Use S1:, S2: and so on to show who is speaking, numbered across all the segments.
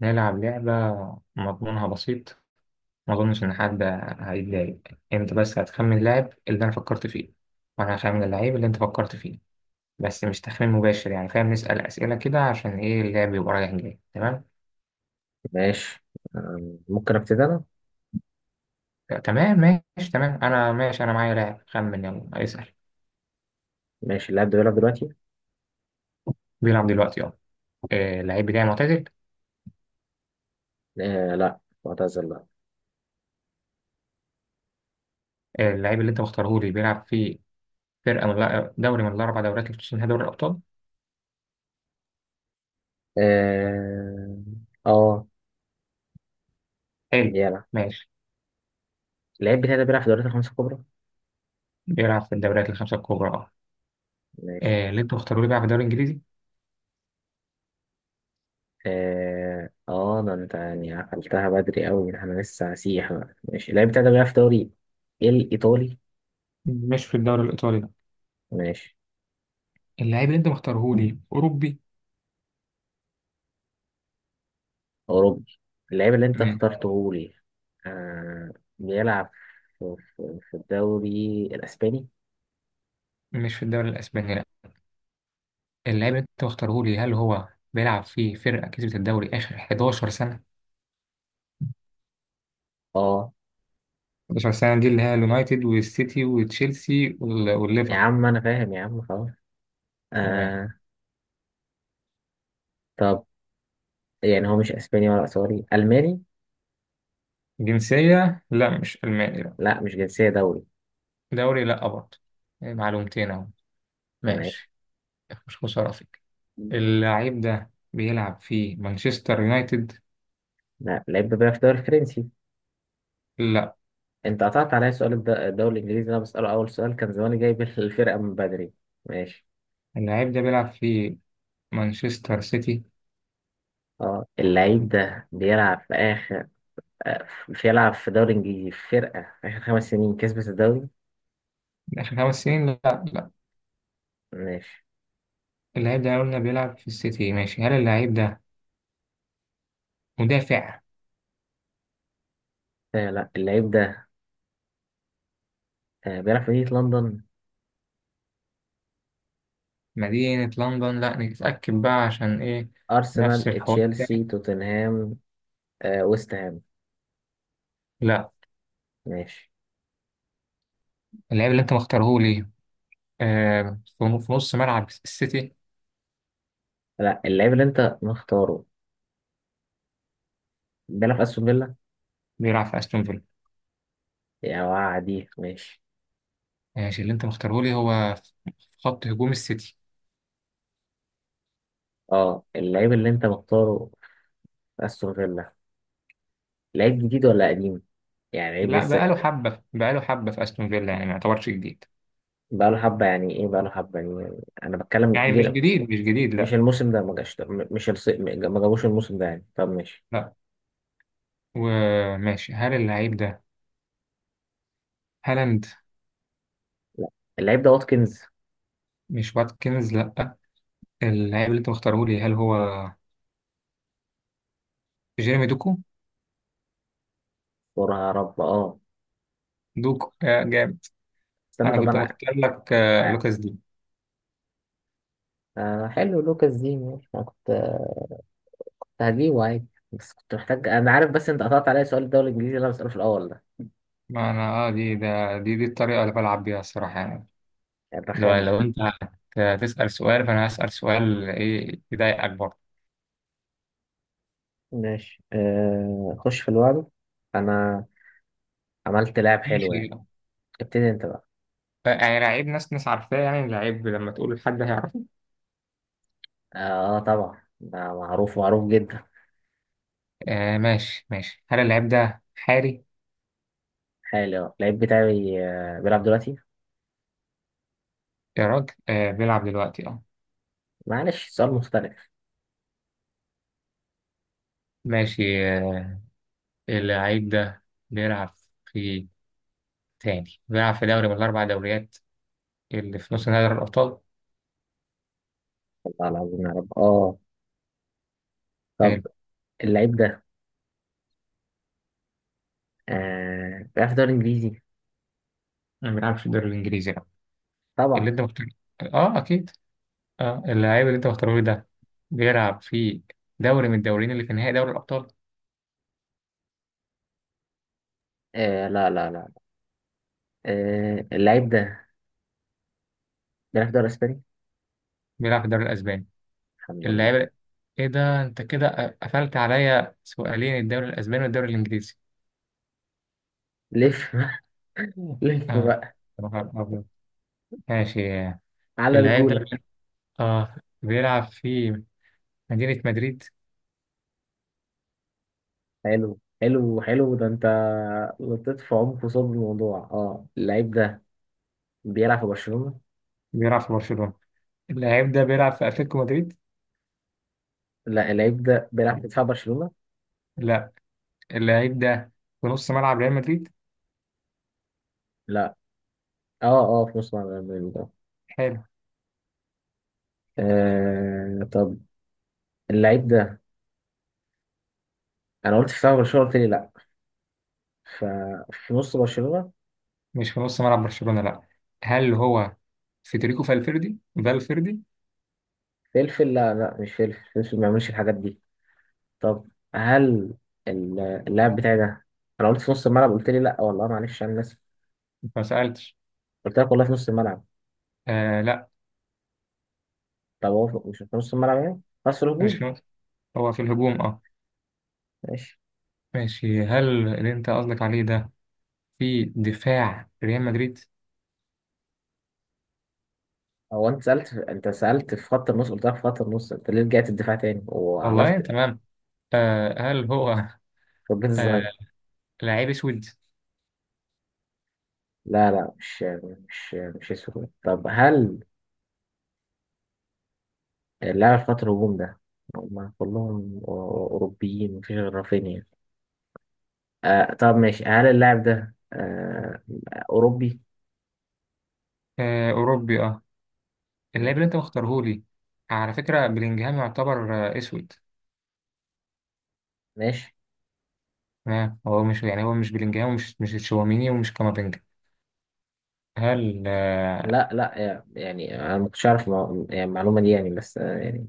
S1: نلعب لعبة مضمونها بسيط. ما أظنش إن حد هيتضايق. أنت بس هتخمن اللاعب اللي أنا فكرت فيه وأنا هخمن اللعيب اللي أنت فكرت فيه، بس مش تخمين مباشر يعني فاهم، نسأل أسئلة كده عشان إيه اللعب يبقى رايح جاي تمام.
S2: ماشي. ممكن ابتدي انا.
S1: آه، تمام ماشي تمام، أنا ماشي، أنا معايا لاعب، خمن يلا اسأل.
S2: ماشي، اللاعب ده بيلعب دلوقتي؟
S1: بيلعب دلوقتي أه. آه، اللعيب بتاعي معتزل؟
S2: آه لا، معتزل لا.
S1: آه، اللعيب اللي أنت مختاره لي بيلعب في فرقة دوري من الأربع دوريات اللي بتشتهر دوري الأبطال؟
S2: اه اه،
S1: حلو
S2: بيلعب.
S1: ماشي.
S2: اللاعب بتاعي ده بيلعب في الدوريات الخمسة الكبرى.
S1: بيلعب في الدوريات الخمسة الكبرى أه.
S2: ماشي.
S1: آه، اللي أنت مختاره لي بيلعب في الدوري الإنجليزي؟
S2: اه اه، ده انت يعني عقلتها بدري قوي، ده انا لسه هسيح بقى. ماشي، اللاعب بتاعي ده بيلعب في دوري الايطالي.
S1: مش في الدوري الإيطالي.
S2: ماشي،
S1: اللاعب اللي أنت مختارهولي أوروبي؟
S2: اوروبي. اللاعب اللي انت
S1: تمام.
S2: اخترته لي آه بيلعب في الدوري الاسباني.
S1: مش في الدوري الأسباني لا. اللاعب اللي أنت مختارهولي هل هو بيلعب في فرقة كسبت الدوري آخر 11 سنة؟
S2: اه،
S1: 11 سنة دي اللي هي اليونايتد والسيتي وتشيلسي
S2: يا
S1: والليفر.
S2: عم انا فاهم يا عم خلاص.
S1: تمام.
S2: آه. طب يعني هو مش اسباني ولا ايطالي، الماني؟
S1: جنسية لا، مش ألماني لا.
S2: لا مش جنسيه، دولي؟
S1: دوري لا برضه. إيه، معلومتين أهو.
S2: ماشي.
S1: ماشي. مش مشرفك.
S2: مم.
S1: اللاعب ده بيلعب في مانشستر يونايتد؟
S2: لا، لعيب بيلعب في الدوري الفرنسي.
S1: لا.
S2: انت قطعت عليا سؤال الدوري الانجليزي، اللي انا بساله اول سؤال كان زماني جايب الفرقه من بدري. ماشي.
S1: اللاعب ده بيلعب في مانشستر سيتي؟
S2: اه اللعيب ده بيلعب في اخر، آه، بيلعب في دوري انجليزي، في فرقه في اخر 5 سنين كسبت الدوري.
S1: آخر خمس سنين؟ لا.
S2: ماشي.
S1: اللعيب ده قلنا بيلعب في السيتي ماشي، هل اللعيب ده مدافع؟
S2: آه لا، اللعيب ده بيلعب في مدينه لندن.
S1: مدينة لندن لا، نتأكد بقى عشان ايه. نفس
S2: ارسنال،
S1: الحوار ده،
S2: تشيلسي، توتنهام. آه ويست هام.
S1: لا.
S2: ماشي.
S1: اللعيب اللي انت مختارهولي في نص ملعب السيتي؟
S2: لا، اللعيب اللي انت مختاره بيلعب في استون فيلا.
S1: بيلعب في استون فيلا؟
S2: يا وعدي ماشي.
S1: ماشي، اللي انت مختارهولي هو في خط هجوم السيتي؟
S2: اه، اللعيب اللي انت مختاره في استون فيلا. لعيب جديد ولا قديم؟ يعني لعيب
S1: لا،
S2: لسه؟
S1: بقاله حبة بقاله حبة في استون فيلا يعني ما يعتبرش جديد.
S2: بقاله حبه يعني ايه؟ بقاله حبه يعني انا بتكلم
S1: يعني مش
S2: جيل.
S1: جديد مش جديد
S2: مش
S1: لا.
S2: الموسم ده ما جاش ده، م- مش الص... م- ما جابوش الموسم ده يعني. طب ماشي،
S1: لا وماشي، هل اللعيب ده هالاند؟
S2: اللعيب ده واتكنز.
S1: مش واتكنز لا. اللعيب اللي انت مختارهولي هل هو جيرمي دوكو؟
S2: يا رب اه.
S1: جامد.
S2: استنى،
S1: انا
S2: طب
S1: كنت
S2: انا
S1: مختار لك
S2: ع-
S1: لوكاس دي.
S2: آه حلو، لوكاس دي. ماشي، انا كنت هجيبه عادي. بس كنت محتاج، انا عارف، بس انت قطعت عليا سؤال الدوري الانجليزي اللي انا بساله في الاول ده.
S1: ما انا اه دي ده دي دي الطريقه اللي بلعب بيها الصراحه يعني.
S2: يعني
S1: لو
S2: الرخامه.
S1: لو انت هتسال سؤال، فانا هسال سؤال ايه يضايقك برضه.
S2: ماشي. خش في الوعد. انا عملت لعب حلو
S1: ماشي.
S2: يعني. ابتدي انت بقى.
S1: يعني لعيب ناس ناس عارفاه، يعني لعيب لما تقول لحد هيعرفه.
S2: اه. آه طبعا، ده معروف معروف جدا.
S1: آه ماشي ماشي، هل اللعيب ده حالي؟
S2: حالي اه، اللعيب بتاعي بيلعب دلوقتي.
S1: يا راجل بيلعب دلوقتي اه.
S2: معلش، سؤال مختلف.
S1: ماشي اللعيب ده بيلعب في تاني بيلعب في دوري من الاربع دوريات اللي في نص نهائي دوري الابطال؟
S2: والله العظيم يا رب اه.
S1: حلو.
S2: طب اللعيب ده بيلعب في الدوري الانجليزي؟
S1: ما بيلعبش في الدوري الانجليزي.
S2: طبعا.
S1: اللي انت مختار اه اكيد. اه اللعيب اللي انت مختاره إيه ده بيلعب في دوري من الدوريين اللي في نهائي دوري الابطال؟
S2: آه لا لا لا. آه اللعيب ده بيلعب في الدوري الاسباني.
S1: بيلعب في الدوري الاسباني؟
S2: الحمد لله.
S1: اللعيب ايه ده، انت كده قفلت عليا سؤالين الدوري الاسباني والدوري الانجليزي
S2: لف بقى.
S1: اه
S2: لف بقى.
S1: يا نهار أبيض. ماشي.
S2: على
S1: اللعيب ده
S2: رجولك.
S1: اه بيلعب في مدينة مدريد؟
S2: حلو حلو حلو، ده انت لطيت في عمق صلب الموضوع. اه اللعيب ده بيلعب في برشلونة.
S1: بيلعب في برشلونة؟ اللعيب ده بيلعب في اتلتيكو مدريد؟
S2: لا، اللعيب ده بيلعب في دفاع برشلونة.
S1: لا. اللعيب ده في نص ملعب ريال مدريد.
S2: لا. اه اه، في نص ملعب ريال مدريد اه.
S1: حلو.
S2: طب اللعيب ده، انا قلت في فاول برشلونه قلت لي لا، ففي نص برشلونه.
S1: مش في نص ملعب برشلونة لا. هل هو فيدريكو فالفيردي فالفيردي؟
S2: فلفل لا لا، مش فلفل، فلفل ما بيعملش الحاجات دي. طب هل ال- اللاعب بتاعي ده، انا قلت في نص الملعب قلت لي لا. والله معلش انا ناسي.
S1: ما سألتش.
S2: قلت لك والله في نص الملعب.
S1: آه لا،
S2: طب هو مش في نص الملعب يعني، خلاص
S1: مش في
S2: الهجوم.
S1: نص، هو في الهجوم اه.
S2: ماشي.
S1: ماشي، هل اللي انت قصدك عليه ده في دفاع ريال مدريد؟
S2: هو انت سالت انت سالت في خط النص، قلت لك في خط النص. انت ليه رجعت الدفاع تاني
S1: والله
S2: وعملت،
S1: تمام. آه هل هو
S2: فجيت
S1: آه
S2: الظهير.
S1: لعيب اسود؟
S2: لا لا، مش اسود. طب هل اللاعب في خط الهجوم ده هم كلهم أوروبيين، مفيش غير رافينيا. آه طب ماشي، هل اللاعب ده أوروبي؟
S1: آه اوروبي اه. اللاعب اللي
S2: ماشي
S1: انت مختارهولي على فكرة بلينجهام يعتبر اسود.
S2: ماشي.
S1: تمام. هو مش يعني هو مش بلينجهام ومش مش تشواميني ومش كامافينجا. هل.
S2: لا لا، يعني أنا ما كنتش أعرف يعني المعلومة دي يعني، بس يعني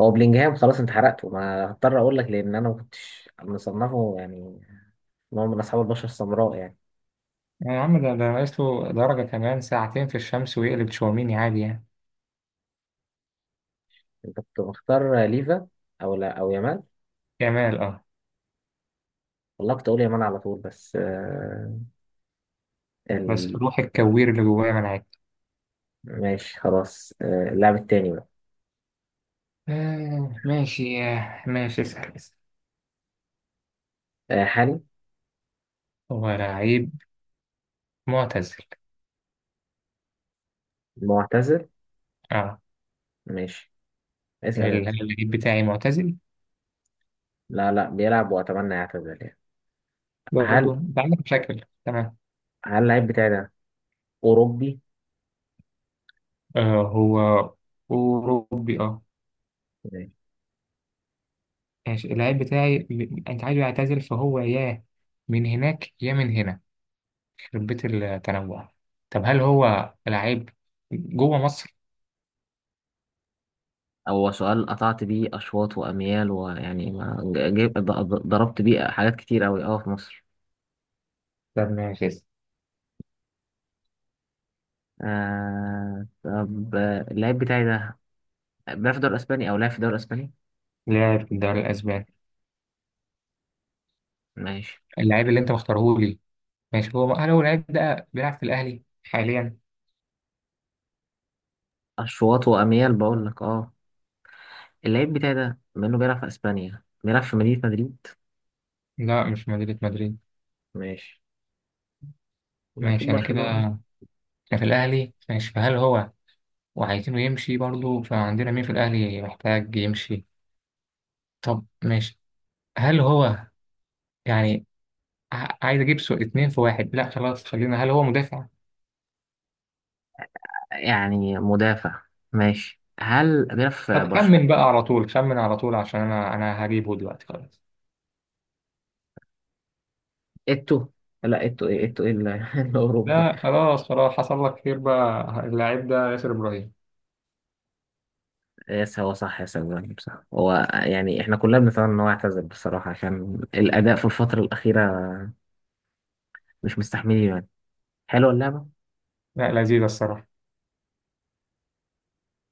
S2: هو بلينجهام، خلاص أنت حرقته، ما هضطر أقول لك، لأن أنا ما كنتش مصنفه يعني إن هو من أصحاب البشرة السمراء يعني.
S1: يا عم ده ناقص له درجة كمان ساعتين في الشمس ويقلب تشاوميني عادي يعني.
S2: أنت كنت مختار ليفا، أو لا أو يامال.
S1: جمال اه.
S2: والله كنت أقول يامال على طول، بس
S1: بس
S2: ال...
S1: روح الكوير اللي جوايا منعك.
S2: ماشي خلاص. اللاعب التاني بقى.
S1: آه ماشي ماشي، اسأل اسأل.
S2: آه حالي.
S1: هو لعيب معتزل؟
S2: معتزل؟
S1: اه.
S2: ماشي. اسأل انت.
S1: اللعيب بتاعي معتزل.
S2: لا لا، بيلعب واتمنى يعتزل يعني.
S1: برضه
S2: هل
S1: انت عندك مشاكل تمام.
S2: هل اللعيب بتاعي ده اوروبي؟
S1: آه هو أوروبي اه.
S2: ماشي.
S1: ماشي. اللعيب بتاعي انت عايزه يعتزل فهو يا من هناك يا من هنا، يخرب بيت التنوع. طب هل هو لعيب جوه مصر؟
S2: هو سؤال قطعت بيه أشواط وأميال، ويعني ما جيب ضربت بيه حاجات كتير أوي أه في مصر.
S1: طب ماشي.
S2: آه طب، اللاعب بتاعي ده بيلعب في الدوري الأسباني، أو لعب في الدوري الأسباني.
S1: لاعب في الدوري الأسباني.
S2: ماشي.
S1: اللاعب اللي أنت مختارهولي ماشي، هل هو اللاعب ده بيلعب في الأهلي حاليا؟
S2: أشواط وأميال بقول لك أه. اللاعب بتاعي ده بما إنه بيلعب في أسبانيا، بيلعب في مدينة مدريد.
S1: لا، مش مدينة مدريد.
S2: ماشي. يبقى اكيد
S1: ماشي، أنا كده،
S2: برشلونة.
S1: أنا في الأهلي ماشي. فهل هو وعايزينه يمشي برضه، فعندنا مين في الأهلي محتاج يمشي؟ طب ماشي. هل هو يعني عايز أجيب سو اتنين في واحد، لا خلاص خلينا، هل هو مدافع؟
S2: يعني مدافع. ماشي، هل بيلعب في
S1: طب
S2: برشلونة؟
S1: خمن بقى على طول، خمن على طول عشان أنا هجيبه دلوقتي خلاص.
S2: اتو. لا اتو ايه، اتو ايه الاوروبي.
S1: لا خلاص خلاص، حصل لك خير بقى، اللاعب ده ياسر إبراهيم.
S2: إيه، هو صح، يا سلام صح. هو يعني احنا كلنا بنتمنى ان هو يعتزل بصراحة، عشان الاداء في الفترة الاخيرة مش مستحملين يعني. حلوة اللعبة.
S1: لا لذيذة الصراحة.